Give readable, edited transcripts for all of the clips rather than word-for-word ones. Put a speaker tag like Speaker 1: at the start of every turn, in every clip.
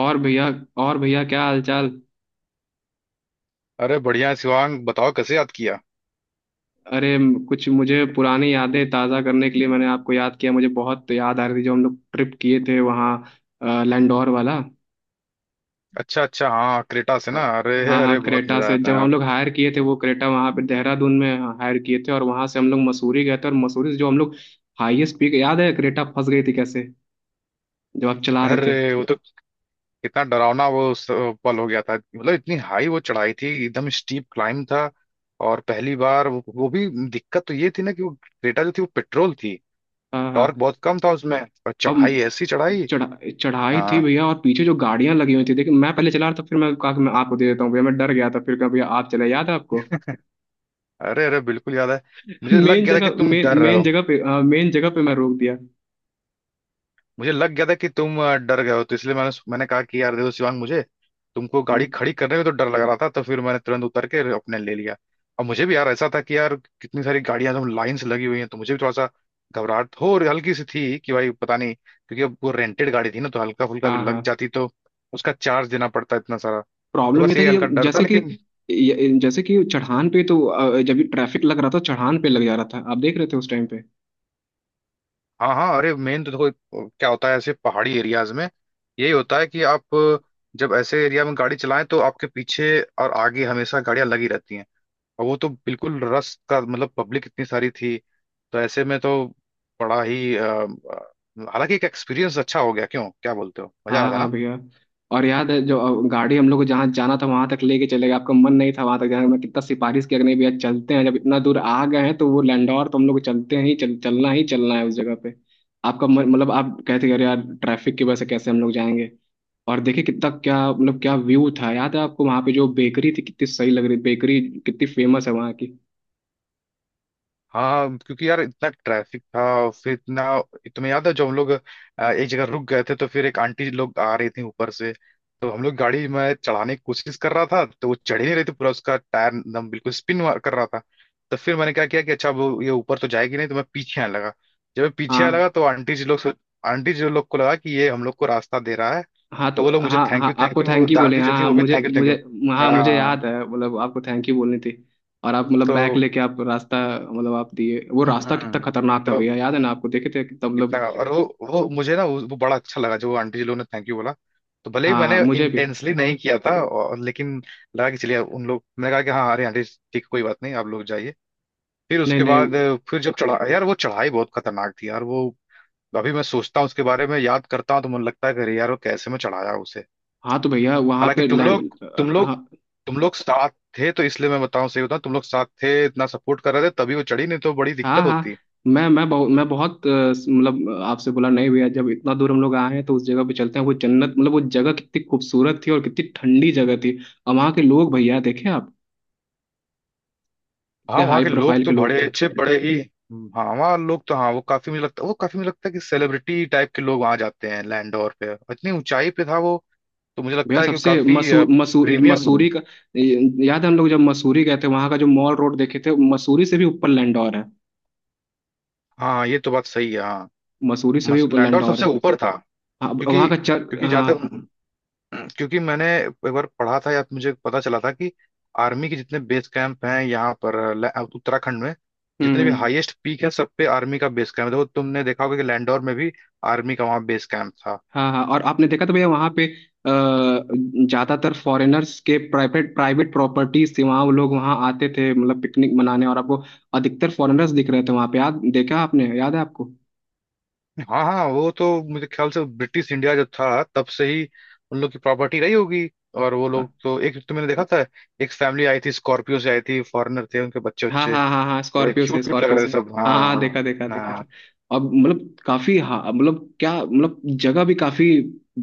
Speaker 1: और भैया और भैया क्या हालचाल।
Speaker 2: अरे बढ़िया है शिवांग, बताओ कैसे याद किया।
Speaker 1: अरे कुछ मुझे पुरानी यादें ताज़ा करने के लिए मैंने आपको याद किया। मुझे बहुत याद आ रही थी जो हम लोग ट्रिप किए थे वहाँ। लैंडोर वाला।
Speaker 2: अच्छा अच्छा, हाँ, क्रेटा से
Speaker 1: अ,
Speaker 2: ना। अरे
Speaker 1: हाँ
Speaker 2: अरे,
Speaker 1: हाँ,
Speaker 2: बहुत
Speaker 1: क्रेटा
Speaker 2: मजा
Speaker 1: से
Speaker 2: आया था
Speaker 1: जब
Speaker 2: यार।
Speaker 1: हम लोग हायर किए थे वो क्रेटा वहाँ पे देहरादून में हायर किए थे, और वहाँ से हम लोग मसूरी गए थे, और मसूरी से जो हम लोग हाईएस्ट पीक याद है, क्रेटा फंस गई थी कैसे जब आप चला रहे थे।
Speaker 2: अरे वो तो कितना डरावना वो उस पल हो गया था। मतलब इतनी हाई वो चढ़ाई थी, एकदम स्टीप क्लाइंब था। और पहली बार वो भी दिक्कत तो ये थी ना कि वो क्रेटा जो थी वो पेट्रोल थी।
Speaker 1: हाँ हाँ।
Speaker 2: टॉर्क बहुत कम था उसमें, और चढ़ाई
Speaker 1: अब
Speaker 2: ऐसी चढ़ाई।
Speaker 1: चढ़ा चढ़ाई थी
Speaker 2: हाँ।
Speaker 1: भैया, और पीछे जो गाड़ियां लगी हुई थी देखिए। मैं पहले चला रहा था, फिर मैं कहा कि मैं आपको दे देता हूँ भैया, मैं डर गया था, फिर कहा भैया आप चले, याद है आपको।
Speaker 2: अरे अरे, बिल्कुल याद है। मुझे लग
Speaker 1: मेन
Speaker 2: गया था कि
Speaker 1: जगह
Speaker 2: तुम
Speaker 1: मेन
Speaker 2: डर रहे
Speaker 1: मेन
Speaker 2: हो।
Speaker 1: जगह पे मेन जगह पे मैं रोक दिया।
Speaker 2: मुझे लग गया था कि तुम डर गए हो, तो इसलिए मैंने मैंने कहा कि यार देखो शिवांग, मुझे तुमको गाड़ी खड़ी करने में तो डर लग रहा था, तो फिर मैंने तुरंत उतर के अपने ले लिया। और मुझे भी यार ऐसा था कि यार कितनी सारी गाड़ियां एकदम लाइन से लगी हुई हैं, तो मुझे भी थोड़ा सा घबराहट हो और हल्की सी थी कि भाई पता नहीं, क्योंकि अब वो रेंटेड गाड़ी थी ना, तो हल्का फुल्का भी
Speaker 1: हाँ हाँ।
Speaker 2: लग जाती तो उसका चार्ज देना पड़ता इतना सारा। तो
Speaker 1: प्रॉब्लम ये
Speaker 2: बस
Speaker 1: था
Speaker 2: ये
Speaker 1: कि जब
Speaker 2: हल्का डर था,
Speaker 1: जैसे कि
Speaker 2: लेकिन
Speaker 1: ये- जैसे कि चढ़ान पे तो जब भी ट्रैफिक लग रहा था चढ़ान पे लग जा रहा था, आप देख रहे थे उस टाइम पे।
Speaker 2: हाँ हाँ। अरे मेन तो देखो क्या होता है ऐसे पहाड़ी एरियाज में, यही होता है कि आप जब ऐसे एरिया में गाड़ी चलाएं तो आपके पीछे और आगे हमेशा गाड़ियां लगी रहती हैं। और वो तो बिल्कुल रश का मतलब पब्लिक इतनी सारी थी, तो ऐसे में तो बड़ा ही हालांकि एक एक्सपीरियंस अच्छा हो गया, क्यों, क्या बोलते हो, मजा
Speaker 1: हाँ
Speaker 2: आया था
Speaker 1: हाँ
Speaker 2: ना।
Speaker 1: भैया। और याद है जो गाड़ी हम लोग को जहाँ जाना था वहां तक लेके चले गए, आपका मन नहीं था वहां तक जाने का। मैं कितना सिफारिश किया कि नहीं भैया चलते हैं, जब इतना दूर आ गए हैं तो वो लैंडौर तो हम लोग को चलते हैं ही, चलना ही चलना है उस जगह पे। आपका मन मतलब आप कहते कि अरे यार, ट्रैफिक की वजह से कैसे हम लोग जाएंगे। और देखिए कितना, क्या मतलब क्या व्यू था, याद है आपको वहां पे जो बेकरी थी, कितनी सही लग रही बेकरी, कितनी फेमस है वहाँ की।
Speaker 2: हाँ क्योंकि यार इतना ट्रैफिक था और फिर इतना तुम्हें याद है जब हम लोग एक जगह रुक गए थे, तो फिर एक आंटी लोग आ रही थी ऊपर से, तो हम लोग गाड़ी में चढ़ाने की कोशिश कर रहा था, तो वो चढ़ ही नहीं रही थी, पूरा उसका टायर एकदम बिल्कुल स्पिन कर रहा था। तो फिर मैंने क्या किया कि अच्छा वो ये ऊपर तो जाएगी नहीं, तो मैं पीछे आने लगा। जब मैं पीछे आने
Speaker 1: हाँ
Speaker 2: लगा तो आंटी जी लोग को लगा कि ये हम लोग को रास्ता दे रहा है।
Speaker 1: हाँ,
Speaker 2: तो
Speaker 1: तो
Speaker 2: वो लोग मुझे
Speaker 1: हाँ
Speaker 2: थैंक यू
Speaker 1: हाँ,
Speaker 2: थैंक
Speaker 1: आपको
Speaker 2: यू,
Speaker 1: थैंक यू बोले।
Speaker 2: दादी जो
Speaker 1: हाँ
Speaker 2: थी
Speaker 1: हाँ,
Speaker 2: वो भी
Speaker 1: मुझे
Speaker 2: थैंक यू थैंक यू।
Speaker 1: मुझे हाँ मुझे
Speaker 2: हाँ
Speaker 1: याद है, मतलब आपको थैंक यू बोलनी थी। और आप मतलब
Speaker 2: तो
Speaker 1: बैग लेके आप रास्ता, मतलब आप दिए वो
Speaker 2: हम्म,
Speaker 1: रास्ता कितना
Speaker 2: हम्म।
Speaker 1: खतरनाक था भैया, याद है ना आपको, देखे थे कितना मतलब।
Speaker 2: इतना और वो मुझे ना वो बड़ा अच्छा लगा जो आंटी जी लोगों ने थैंक यू बोला। तो भले ही
Speaker 1: हाँ हाँ,
Speaker 2: मैंने
Speaker 1: मुझे भी।
Speaker 2: इंटेंसली नहीं किया था और लेकिन लगा कि चलिए उन लोग, मैंने कहा कि हाँ अरे आंटी, ठीक कोई बात नहीं, आप लोग जाइए। फिर
Speaker 1: नहीं
Speaker 2: उसके
Speaker 1: नहीं।
Speaker 2: बाद फिर जब चढ़ा यार, वो चढ़ाई बहुत खतरनाक थी यार। वो अभी मैं सोचता हूँ उसके बारे में, याद करता हूँ तो मुझे लगता है कि अरे यार वो कैसे मैं चढ़ाया उसे।
Speaker 1: हाँ तो भैया वहाँ
Speaker 2: हालांकि
Speaker 1: पे
Speaker 2: तुम लोग
Speaker 1: लैंड।
Speaker 2: तुम
Speaker 1: हाँ
Speaker 2: लोग तुम लोग साथ थे, तो इसलिए मैं बताऊं, सही बताऊं, तुम लोग साथ थे, इतना सपोर्ट कर रहे थे, तभी वो चढ़ी, नहीं तो बड़ी
Speaker 1: हाँ
Speaker 2: दिक्कत
Speaker 1: हाँ।
Speaker 2: होती।
Speaker 1: मैं मैं बहुत मैं बहुत अ, मतलब आपसे बोला नहीं भैया, जब इतना दूर हम लोग आए हैं तो उस जगह पे चलते हैं, वो जन्नत मतलब वो जगह कितनी खूबसूरत थी, और कितनी ठंडी जगह थी। और वहाँ के लोग भैया देखे आप,
Speaker 2: हाँ
Speaker 1: कितने
Speaker 2: वहाँ
Speaker 1: हाई
Speaker 2: के लोग
Speaker 1: प्रोफाइल के
Speaker 2: तो
Speaker 1: लोग
Speaker 2: बड़े
Speaker 1: थे।
Speaker 2: अच्छे बड़े ही। हाँ वहाँ लोग तो, हाँ वो काफी, मुझे लगता है वो काफी, मुझे लगता है कि सेलिब्रिटी टाइप के लोग वहाँ जाते हैं लैंडोर पे, और इतनी ऊंचाई पे था वो, तो मुझे
Speaker 1: भैया
Speaker 2: लगता है कि वो
Speaker 1: सबसे
Speaker 2: काफी
Speaker 1: मसूर मसूर
Speaker 2: प्रीमियम।
Speaker 1: मसूरी का, याद है हम लोग जब मसूरी गए थे वहां का जो मॉल रोड देखे थे, मसूरी से भी ऊपर लैंडौर है।
Speaker 2: हाँ ये तो बात सही है, हाँ।
Speaker 1: मसूरी से भी ऊपर
Speaker 2: लैंडोर
Speaker 1: लैंडौर
Speaker 2: सबसे
Speaker 1: है।
Speaker 2: ऊपर था,
Speaker 1: हाँ,
Speaker 2: क्योंकि
Speaker 1: वहाँ का चर
Speaker 2: क्योंकि जहाँ
Speaker 1: हाँ।
Speaker 2: तक क्योंकि मैंने एक बार पढ़ा था या तो मुझे पता चला था कि आर्मी के जितने बेस कैंप हैं यहाँ पर उत्तराखंड में,
Speaker 1: हम्म,
Speaker 2: जितने भी
Speaker 1: हम्म।
Speaker 2: हाईएस्ट पीक है सब पे आर्मी का बेस कैंप है। देखो तुमने देखा होगा कि लैंडोर में भी आर्मी का वहाँ बेस कैंप था।
Speaker 1: हाँ हाँ। और आपने देखा तो भैया वहाँ पे ज्यादातर फॉरेनर्स के प्राइवेट प्राइवेट प्रॉपर्टीज थी वहाँ, वो लोग वहाँ आते थे मतलब पिकनिक मनाने, और आपको अधिकतर फॉरेनर्स दिख रहे थे वहाँ पे, याद देखा आपने, याद है आपको।
Speaker 2: हाँ हाँ, वो तो मुझे ख्याल से ब्रिटिश इंडिया जब था तब से ही उन लोग की प्रॉपर्टी रही होगी। और वो लोग
Speaker 1: हाँ।
Speaker 2: तो, एक तो मैंने देखा था, एक फैमिली आई थी, स्कॉर्पियो से आई थी, फॉरेनर थे, उनके बच्चे
Speaker 1: हाँ
Speaker 2: बच्चे
Speaker 1: हाँ हाँ हाँ,
Speaker 2: बड़े
Speaker 1: स्कॉर्पियो से,
Speaker 2: क्यूट क्यूट लग
Speaker 1: स्कॉर्पियो
Speaker 2: रहे थे
Speaker 1: से।
Speaker 2: सब, हाँ
Speaker 1: हाँ हाँ, देखा देखा
Speaker 2: हाँ
Speaker 1: देखा था।
Speaker 2: हाँ।
Speaker 1: अब मतलब काफी, हाँ मतलब क्या मतलब, जगह भी काफी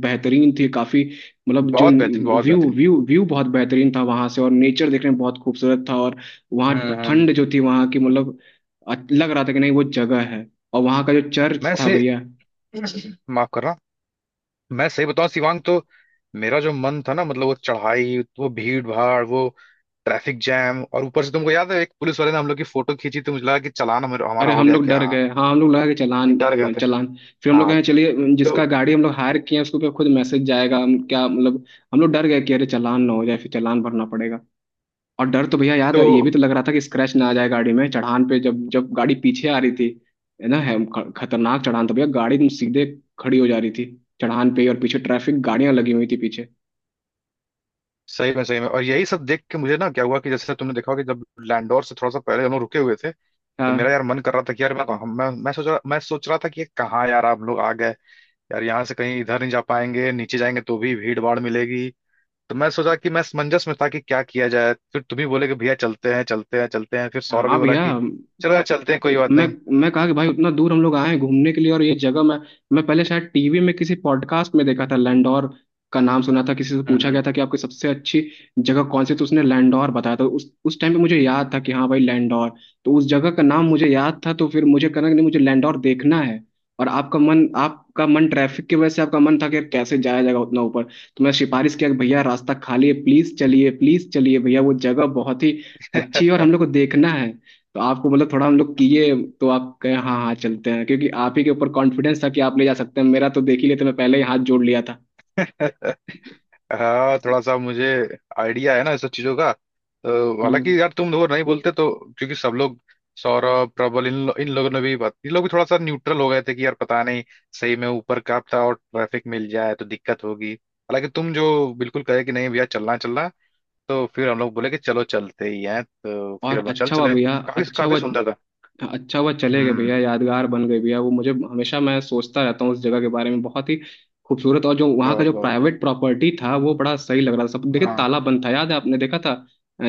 Speaker 1: बेहतरीन थी, काफी मतलब जो
Speaker 2: बहुत बेहतरीन, बहुत
Speaker 1: व्यू
Speaker 2: बेहतरीन।
Speaker 1: व्यू व्यू बहुत बेहतरीन था वहां से, और नेचर देखने में बहुत खूबसूरत था। और वहाँ
Speaker 2: हम्म हम्म।
Speaker 1: ठंड जो थी वहाँ की, मतलब लग रहा था कि नहीं वो जगह है। और वहाँ का जो चर्च
Speaker 2: मैं
Speaker 1: था
Speaker 2: से
Speaker 1: भैया।
Speaker 2: माफ करना। मैं सही बताऊं शिवांग तो, मेरा जो मन था ना, मतलब वो चढ़ाई, वो भीड़ भाड़, वो ट्रैफिक जैम, और ऊपर से तुमको याद है एक पुलिस वाले ने हम लोग की फोटो खींची, तो मुझे लगा कि चालान हमारा
Speaker 1: अरे
Speaker 2: हमारा हो
Speaker 1: हम
Speaker 2: गया
Speaker 1: लोग
Speaker 2: क्या।
Speaker 1: डर गए, हाँ हम लोग लगा कि चालान।
Speaker 2: डर गए थे
Speaker 1: चालान, फिर हम लोग
Speaker 2: हाँ
Speaker 1: कहे चलिए,
Speaker 2: तो।
Speaker 1: जिसका गाड़ी हम लोग हायर किए हैं उसके ऊपर खुद मैसेज जाएगा, हम क्या मतलब, हम लोग डर गए कि अरे चालान ना हो जाए, फिर चालान भरना पड़ेगा। और डर तो भैया याद
Speaker 2: तो
Speaker 1: है, ये भी तो लग रहा था कि स्क्रैच ना आ जाए गाड़ी में, चढ़ान पे जब जब गाड़ी पीछे आ रही थी। है ना, खतरनाक चढ़ान था भैया, गाड़ी एकदम सीधे खड़ी हो जा रही थी चढ़ान पे ही, और पीछे ट्रैफिक गाड़ियां लगी हुई थी पीछे।
Speaker 2: सही में सही में, और यही सब देख के मुझे ना क्या हुआ कि जैसे तुमने देखा होगा कि जब लैंडोर से थोड़ा सा पहले हम लोग रुके हुए थे, तो मेरा
Speaker 1: हाँ
Speaker 2: यार मन कर रहा था कि यार मैं सोच रहा था कि ये कहाँ यार हम लोग आ गए, यार यहाँ से कहीं इधर नहीं जा पाएंगे, नीचे जाएंगे तो भी भीड़ भाड़ मिलेगी। तो मैं सोचा कि मैं असमंजस में था कि क्या किया जाए, फिर तुम ही बोले कि भैया चलते हैं चलते हैं चलते हैं, फिर सौरभ भी
Speaker 1: हाँ
Speaker 2: बोला
Speaker 1: भैया।
Speaker 2: कि चलो यार चलते हैं कोई बात
Speaker 1: मैं
Speaker 2: नहीं।
Speaker 1: मैं कहा कि भाई उतना दूर हम लोग आए हैं घूमने के लिए, और ये जगह मैं पहले शायद टीवी में किसी पॉडकास्ट में देखा था, लैंडोर का नाम सुना था, किसी से पूछा
Speaker 2: हम्म
Speaker 1: गया था कि आपकी सबसे अच्छी जगह कौन सी, तो उसने लैंडोर बताया था। उस टाइम पे मुझे याद था कि हाँ भाई लैंडोर, तो उस जगह का नाम मुझे याद था। तो फिर मुझे कहना कि नहीं, मुझे लैंडोर देखना है। और आपका मन ट्रैफिक की वजह से आपका मन था कि यार कैसे जाया जाएगा उतना ऊपर। तो मैं सिफारिश किया कि भैया रास्ता खाली है, प्लीज चलिए, प्लीज चलिए भैया, वो जगह बहुत ही अच्छी है और
Speaker 2: हम्म।
Speaker 1: हम लोग को देखना है। तो आपको मतलब थोड़ा हम लोग किए, तो आप कहे हाँ हाँ चलते हैं, क्योंकि आप ही के ऊपर कॉन्फिडेंस था कि आप ले जा सकते हैं, मेरा तो देख ही लेते, मैं पहले ही हाथ जोड़ लिया था।
Speaker 2: हाँ, थोड़ा सा मुझे आइडिया है ना इस सब चीजों का। तो
Speaker 1: हम्म।
Speaker 2: हालांकि यार तुम लोग नहीं बोलते तो, क्योंकि सब लोग, सौरभ प्रबल इन लोगों ने भी बात, इन लोग भी थोड़ा सा न्यूट्रल हो गए थे कि यार पता नहीं सही में ऊपर का था और ट्रैफिक मिल जाए तो दिक्कत होगी। हालांकि तुम जो बिल्कुल कहे कि नहीं भैया चलना चलना, तो फिर हम लोग बोले कि चलो चलते ही हैं, तो फिर
Speaker 1: और
Speaker 2: हम लोग चल
Speaker 1: अच्छा हुआ
Speaker 2: चले।
Speaker 1: भैया,
Speaker 2: काफी
Speaker 1: अच्छा
Speaker 2: काफी
Speaker 1: हुआ,
Speaker 2: सुंदर था।
Speaker 1: अच्छा हुआ चले गए भैया,
Speaker 2: हम्म।
Speaker 1: यादगार बन गए भैया, वो मुझे हमेशा मैं सोचता रहता हूँ उस जगह के बारे में, बहुत ही खूबसूरत, और जो वहाँ का
Speaker 2: बहुत
Speaker 1: जो
Speaker 2: बहुत।
Speaker 1: प्राइवेट प्रॉपर्टी था वो बड़ा सही लग रहा था सब, देखिए
Speaker 2: हाँ
Speaker 1: ताला बंद था, याद है आपने देखा था।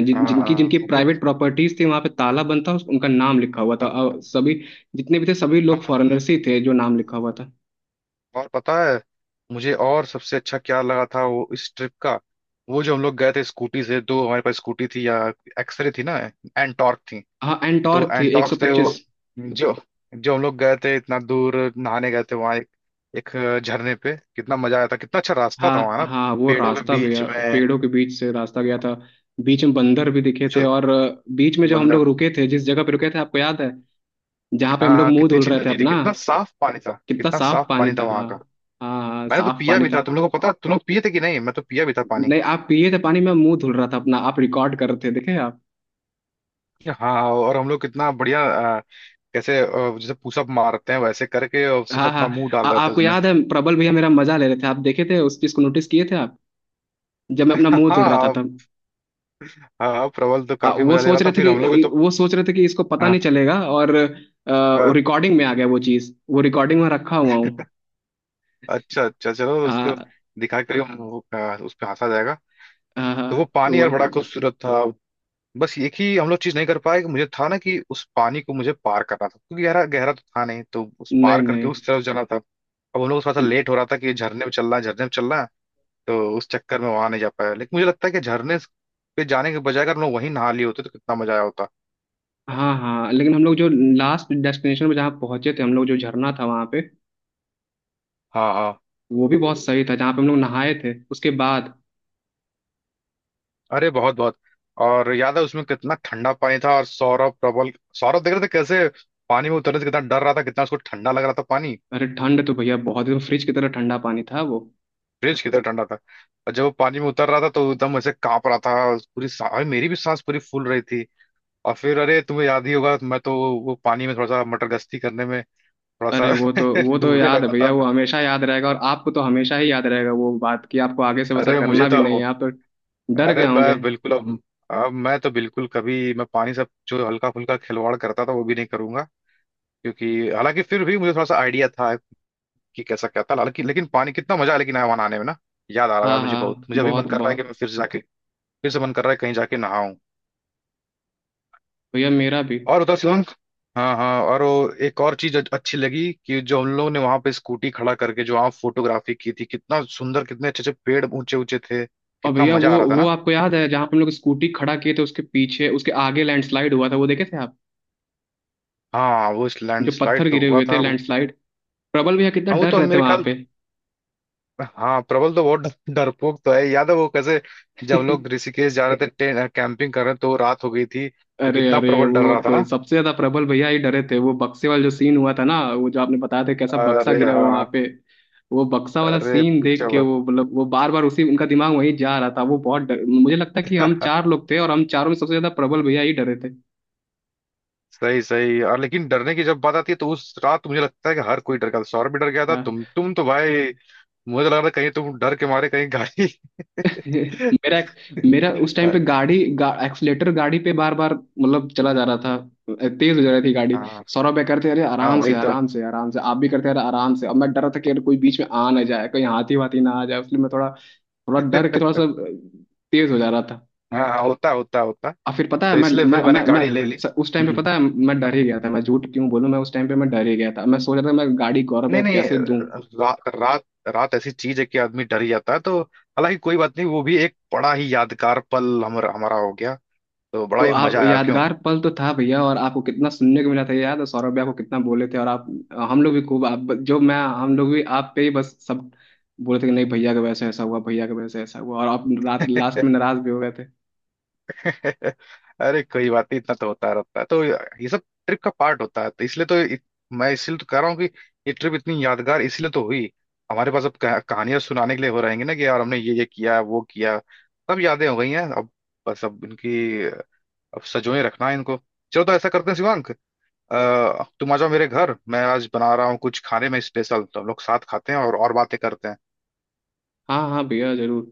Speaker 1: जिन
Speaker 2: हाँ,
Speaker 1: जिनकी
Speaker 2: हाँ
Speaker 1: जिनकी
Speaker 2: वो कोई,
Speaker 1: प्राइवेट प्रॉपर्टीज थी वहाँ पे ताला बंद था, उनका नाम लिखा हुआ था,
Speaker 2: हाँ
Speaker 1: और सभी जितने भी थे सभी
Speaker 2: हाँ,
Speaker 1: लोग
Speaker 2: हाँ।
Speaker 1: फॉरेनर्स ही थे जो नाम लिखा हुआ था।
Speaker 2: और पता है मुझे, और सबसे अच्छा क्या लगा था वो इस ट्रिप का, वो जो हम लोग गए थे स्कूटी से, दो हमारे पास स्कूटी थी, या एक्सरे थी ना, एंटॉर्क थी,
Speaker 1: हाँ,
Speaker 2: दो
Speaker 1: एंटॉर्क थी
Speaker 2: एंटॉर्क थे वो,
Speaker 1: 125।
Speaker 2: जो जो हम लोग गए थे इतना दूर नहाने गए थे वहां एक एक झरने पे, कितना मजा आया था, कितना अच्छा रास्ता था
Speaker 1: हाँ
Speaker 2: वहां ना।
Speaker 1: हाँ, वो
Speaker 2: पेड़ों के
Speaker 1: रास्ता
Speaker 2: बीच
Speaker 1: गया
Speaker 2: में
Speaker 1: पेड़ों के बीच से, रास्ता गया था। बीच में बंदर भी दिखे थे,
Speaker 2: जो
Speaker 1: और बीच में जब हम लोग
Speaker 2: बंदर,
Speaker 1: रुके थे जिस जगह पे रुके थे, आपको याद है, जहाँ पे
Speaker 2: हाँ
Speaker 1: हम लोग
Speaker 2: हाँ,
Speaker 1: मुंह
Speaker 2: कितनी
Speaker 1: धुल
Speaker 2: अच्छी
Speaker 1: रहे थे
Speaker 2: नदी थी,
Speaker 1: अपना।
Speaker 2: कितना साफ पानी था।
Speaker 1: कितना
Speaker 2: कितना
Speaker 1: साफ
Speaker 2: साफ
Speaker 1: पानी
Speaker 2: पानी था
Speaker 1: था।
Speaker 2: वहां
Speaker 1: हाँ
Speaker 2: का।
Speaker 1: हाँ हाँ,
Speaker 2: मैंने तो
Speaker 1: साफ
Speaker 2: पिया
Speaker 1: पानी
Speaker 2: भी था,
Speaker 1: था।
Speaker 2: तुम लोगों को पता, तुम लोग पिए थे कि नहीं, मैं तो पिया भी था पानी।
Speaker 1: नहीं, आप पिए थे, पानी में मुंह धुल रहा था अपना, आप रिकॉर्ड कर रहे थे देखे आप।
Speaker 2: हाँ और हम लोग कितना बढ़िया, कैसे जैसे पुशअप मारते हैं वैसे करके, और सिर्फ
Speaker 1: हाँ हाँ।
Speaker 2: अपना मुंह डाल रहे थे
Speaker 1: आपको
Speaker 2: उसमें।
Speaker 1: याद है, प्रबल भैया मेरा मजा ले रहे थे, आप देखे थे उस चीज को, नोटिस किए थे आप जब मैं अपना मुंह धुल रहा था
Speaker 2: हाँ
Speaker 1: तब।
Speaker 2: हाँ, प्रबल तो काफी
Speaker 1: वो
Speaker 2: मजा ले
Speaker 1: सोच
Speaker 2: रहा
Speaker 1: रहे
Speaker 2: था,
Speaker 1: थे
Speaker 2: फिर हम लोग भी
Speaker 1: कि
Speaker 2: तो।
Speaker 1: वो सोच रहे थे कि इसको पता
Speaker 2: हाँ,
Speaker 1: नहीं चलेगा, और
Speaker 2: हाँ,
Speaker 1: रिकॉर्डिंग में आ गया वो चीज, वो रिकॉर्डिंग में रखा हुआ हूँ।
Speaker 2: अच्छा अच्छा, चलो उसको
Speaker 1: हाँ
Speaker 2: दिखा के उस पर हंसा जाएगा।
Speaker 1: हाँ हाँ,
Speaker 2: तो वो पानी
Speaker 1: वो,
Speaker 2: यार बड़ा खूबसूरत था। बस एक ही हम लोग चीज नहीं कर पाए कि मुझे था ना कि उस पानी को मुझे पार करना था, क्योंकि गहरा गहरा तो था नहीं, तो उस
Speaker 1: नहीं
Speaker 2: पार करके
Speaker 1: नहीं।
Speaker 2: उस तरफ जाना था। अब उन लोग को थोड़ा सा लेट हो रहा था कि झरने में चलना है झरने में चलना है, तो उस चक्कर में वहां नहीं जा पाया। लेकिन मुझे लगता है कि झरने पे जाने के बजाय अगर हम लोग वहीं नहा लिए होते तो कितना मजा आया होता।
Speaker 1: हाँ हाँ, लेकिन हम लोग जो लास्ट डेस्टिनेशन पे जहाँ पहुंचे थे हम लोग, जो झरना था वहाँ पे,
Speaker 2: हाँ हाँ,
Speaker 1: वो भी बहुत सही था, जहाँ पे हम लोग नहाए थे उसके बाद।
Speaker 2: अरे बहुत बहुत, और याद है उसमें कितना ठंडा पानी था, और सौरभ प्रबल, सौरभ देख रहे थे कैसे पानी में उतरने से कितना डर रहा था, कितना उसको ठंडा लग रहा था पानी।
Speaker 1: अरे ठंड तो भैया बहुत, एकदम फ्रिज की तरह ठंडा पानी था वो।
Speaker 2: फ्रिज कितना ठंडा था, और जब वो पानी में उतर रहा था तो एकदम ऐसे कांप रहा था। अरे मेरी भी सांस पूरी फूल रही थी। और फिर अरे तुम्हें याद ही होगा, मैं तो वो पानी में थोड़ा सा मटर गश्ती करने में थोड़ा
Speaker 1: अरे
Speaker 2: सा
Speaker 1: वो तो
Speaker 2: डूबने
Speaker 1: याद है
Speaker 2: लगा
Speaker 1: भैया,
Speaker 2: था।
Speaker 1: वो हमेशा याद रहेगा, और आपको तो हमेशा ही याद रहेगा वो बात, कि आपको आगे से वैसा
Speaker 2: अरे मुझे
Speaker 1: करना भी
Speaker 2: तो,
Speaker 1: नहीं है आप तो। डर गए
Speaker 2: अरे मैं
Speaker 1: होंगे।
Speaker 2: बिल्कुल अब मैं तो बिल्कुल कभी, मैं पानी से जो हल्का फुल्का खिलवाड़ करता था वो भी नहीं करूंगा। क्योंकि हालांकि फिर भी मुझे थोड़ा सा आइडिया था कि कैसा क्या था, हालांकि लेकिन पानी कितना मजा है लेकिन आया वहां नहाने में ना। याद आ रहा है यार,
Speaker 1: हाँ
Speaker 2: मुझे बहुत,
Speaker 1: हाँ,
Speaker 2: मुझे अभी मन
Speaker 1: बहुत
Speaker 2: कर रहा है कि
Speaker 1: बहुत।
Speaker 2: मैं फिर से जाके, फिर से मन कर रहा है कहीं जाके नहाऊं।
Speaker 1: भैया मेरा भी।
Speaker 2: और उधर शिवांग, हाँ हाँ, और वो एक और चीज अच्छी लगी कि जो हम लोगों ने वहां पे स्कूटी खड़ा करके जो वहां फोटोग्राफी की थी, कितना सुंदर, कितने अच्छे अच्छे पेड़ ऊंचे ऊंचे थे,
Speaker 1: और
Speaker 2: कितना
Speaker 1: भैया
Speaker 2: मजा
Speaker 1: वो
Speaker 2: आ रहा था
Speaker 1: वो
Speaker 2: ना।
Speaker 1: आपको याद है जहाँ पे हम लोग स्कूटी खड़ा किए थे, उसके पीछे उसके आगे लैंडस्लाइड हुआ था, वो देखे थे आप,
Speaker 2: हाँ वो
Speaker 1: जो पत्थर
Speaker 2: लैंडस्लाइड तो
Speaker 1: गिरे
Speaker 2: हुआ
Speaker 1: हुए थे,
Speaker 2: था वो।
Speaker 1: लैंडस्लाइड, प्रबल भैया कितना
Speaker 2: हाँ वो
Speaker 1: डर
Speaker 2: तो हम
Speaker 1: रहे थे
Speaker 2: मेरे
Speaker 1: वहां
Speaker 2: ख्याल,
Speaker 1: पे।
Speaker 2: हाँ प्रबल तो बहुत डरपोक तो है, याद है वो कैसे जब हम लोग ऋषिकेश जा रहे थे कैंपिंग कर रहे थे तो रात हो गई थी तो
Speaker 1: अरे
Speaker 2: कितना
Speaker 1: अरे,
Speaker 2: प्रबल डर
Speaker 1: वो
Speaker 2: रहा था
Speaker 1: तो
Speaker 2: ना।
Speaker 1: सबसे ज्यादा प्रबल भैया ही डरे थे। वो बक्से वाला जो सीन हुआ था ना, वो जो आपने बताया था कैसा बक्सा
Speaker 2: अरे
Speaker 1: गिरा हुआ वहां
Speaker 2: हाँ।
Speaker 1: पे, वो बक्सा वाला
Speaker 2: अरे
Speaker 1: सीन देख
Speaker 2: पूछो
Speaker 1: के
Speaker 2: मत।
Speaker 1: वो, मतलब वो बार बार उसी, उनका दिमाग वहीं जा रहा था, वो बहुत डर, मुझे लगता है कि हम चार लोग थे और हम चारों में सबसे ज्यादा प्रबल भैया ही डरे थे।
Speaker 2: सही सही, और लेकिन डरने की जब बात आती है तो उस रात मुझे लगता है कि हर कोई डर गया था, सौरभ भी डर गया था,
Speaker 1: हाँ।
Speaker 2: तुम तो भाई, मुझे लग रहा था कहीं तुम डर के मारे कहीं गाड़ी।
Speaker 1: मेरा मेरा उस टाइम पे एक्सीलेटर गाड़ी पे बार बार मतलब चला जा रहा था, तेज हो जा रही थी गाड़ी।
Speaker 2: हाँ
Speaker 1: सौरभ भाई करते अरे
Speaker 2: हाँ
Speaker 1: आराम
Speaker 2: वही
Speaker 1: से
Speaker 2: तो।
Speaker 1: आराम से आराम से, आप भी करते अरे आराम से, अब मैं डर रहा था कि अरे कोई बीच में आ ना जाए, कोई हाथी वाथी ना आ जाए, इसलिए मैं थोड़ा, थोड़ा डर के थोड़ा सा तेज हो जा रहा था।
Speaker 2: हाँ हाँ, होता होता होता,
Speaker 1: और फिर पता है
Speaker 2: तो इसलिए फिर मैंने गाड़ी ले ली।
Speaker 1: उस टाइम पे
Speaker 2: हम्म।
Speaker 1: पता है मैं डर ही गया था, मैं झूठ क्यों बोलूं, मैं उस टाइम पे मैं डर ही गया था, मैं सोच रहा था मैं गाड़ी गौरव भाई
Speaker 2: नहीं
Speaker 1: को
Speaker 2: नहीं,
Speaker 1: कैसे दूं।
Speaker 2: रात, रात ऐसी चीज है कि आदमी डर ही जाता है। तो हालांकि कोई बात नहीं, वो भी एक बड़ा ही यादगार पल हमारा हो गया। तो बड़ा
Speaker 1: तो
Speaker 2: ही
Speaker 1: आप
Speaker 2: मजा आया, क्यों।
Speaker 1: यादगार पल तो था भैया, और आपको कितना सुनने को मिला था ये याद है, सौरभ भी आपको कितना बोले थे, और आप, हम लोग भी खूब, आप जो मैं हम लोग भी आप पे ही बस सब बोले थे कि नहीं भैया का वैसे ऐसा हुआ, भैया का वैसे ऐसा हुआ, और आप रात लास्ट में नाराज भी हो गए थे।
Speaker 2: अरे कोई बात नहीं, इतना तो होता रहता है, तो ये सब ट्रिप का पार्ट होता है। तो मैं इसलिए तो कह रहा हूँ कि ये ट्रिप इतनी यादगार इसलिए तो हुई। हमारे पास अब कहानियां सुनाने के लिए हो रहेंगे ना कि यार हमने ये किया वो किया। सब यादें हो गई हैं अब, बस अब इनकी, अब सजोए रखना है इनको। चलो तो ऐसा करते हैं शिवांग, तुम आ जाओ मेरे घर, मैं आज बना रहा हूँ कुछ खाने में स्पेशल, तो हम लोग साथ खाते हैं और बातें करते हैं।
Speaker 1: हाँ हाँ भैया, जरूर।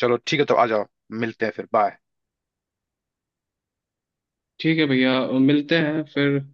Speaker 2: चलो ठीक है, तो आ जाओ। मिलते हैं फिर, बाय।
Speaker 1: ठीक है भैया, मिलते हैं फिर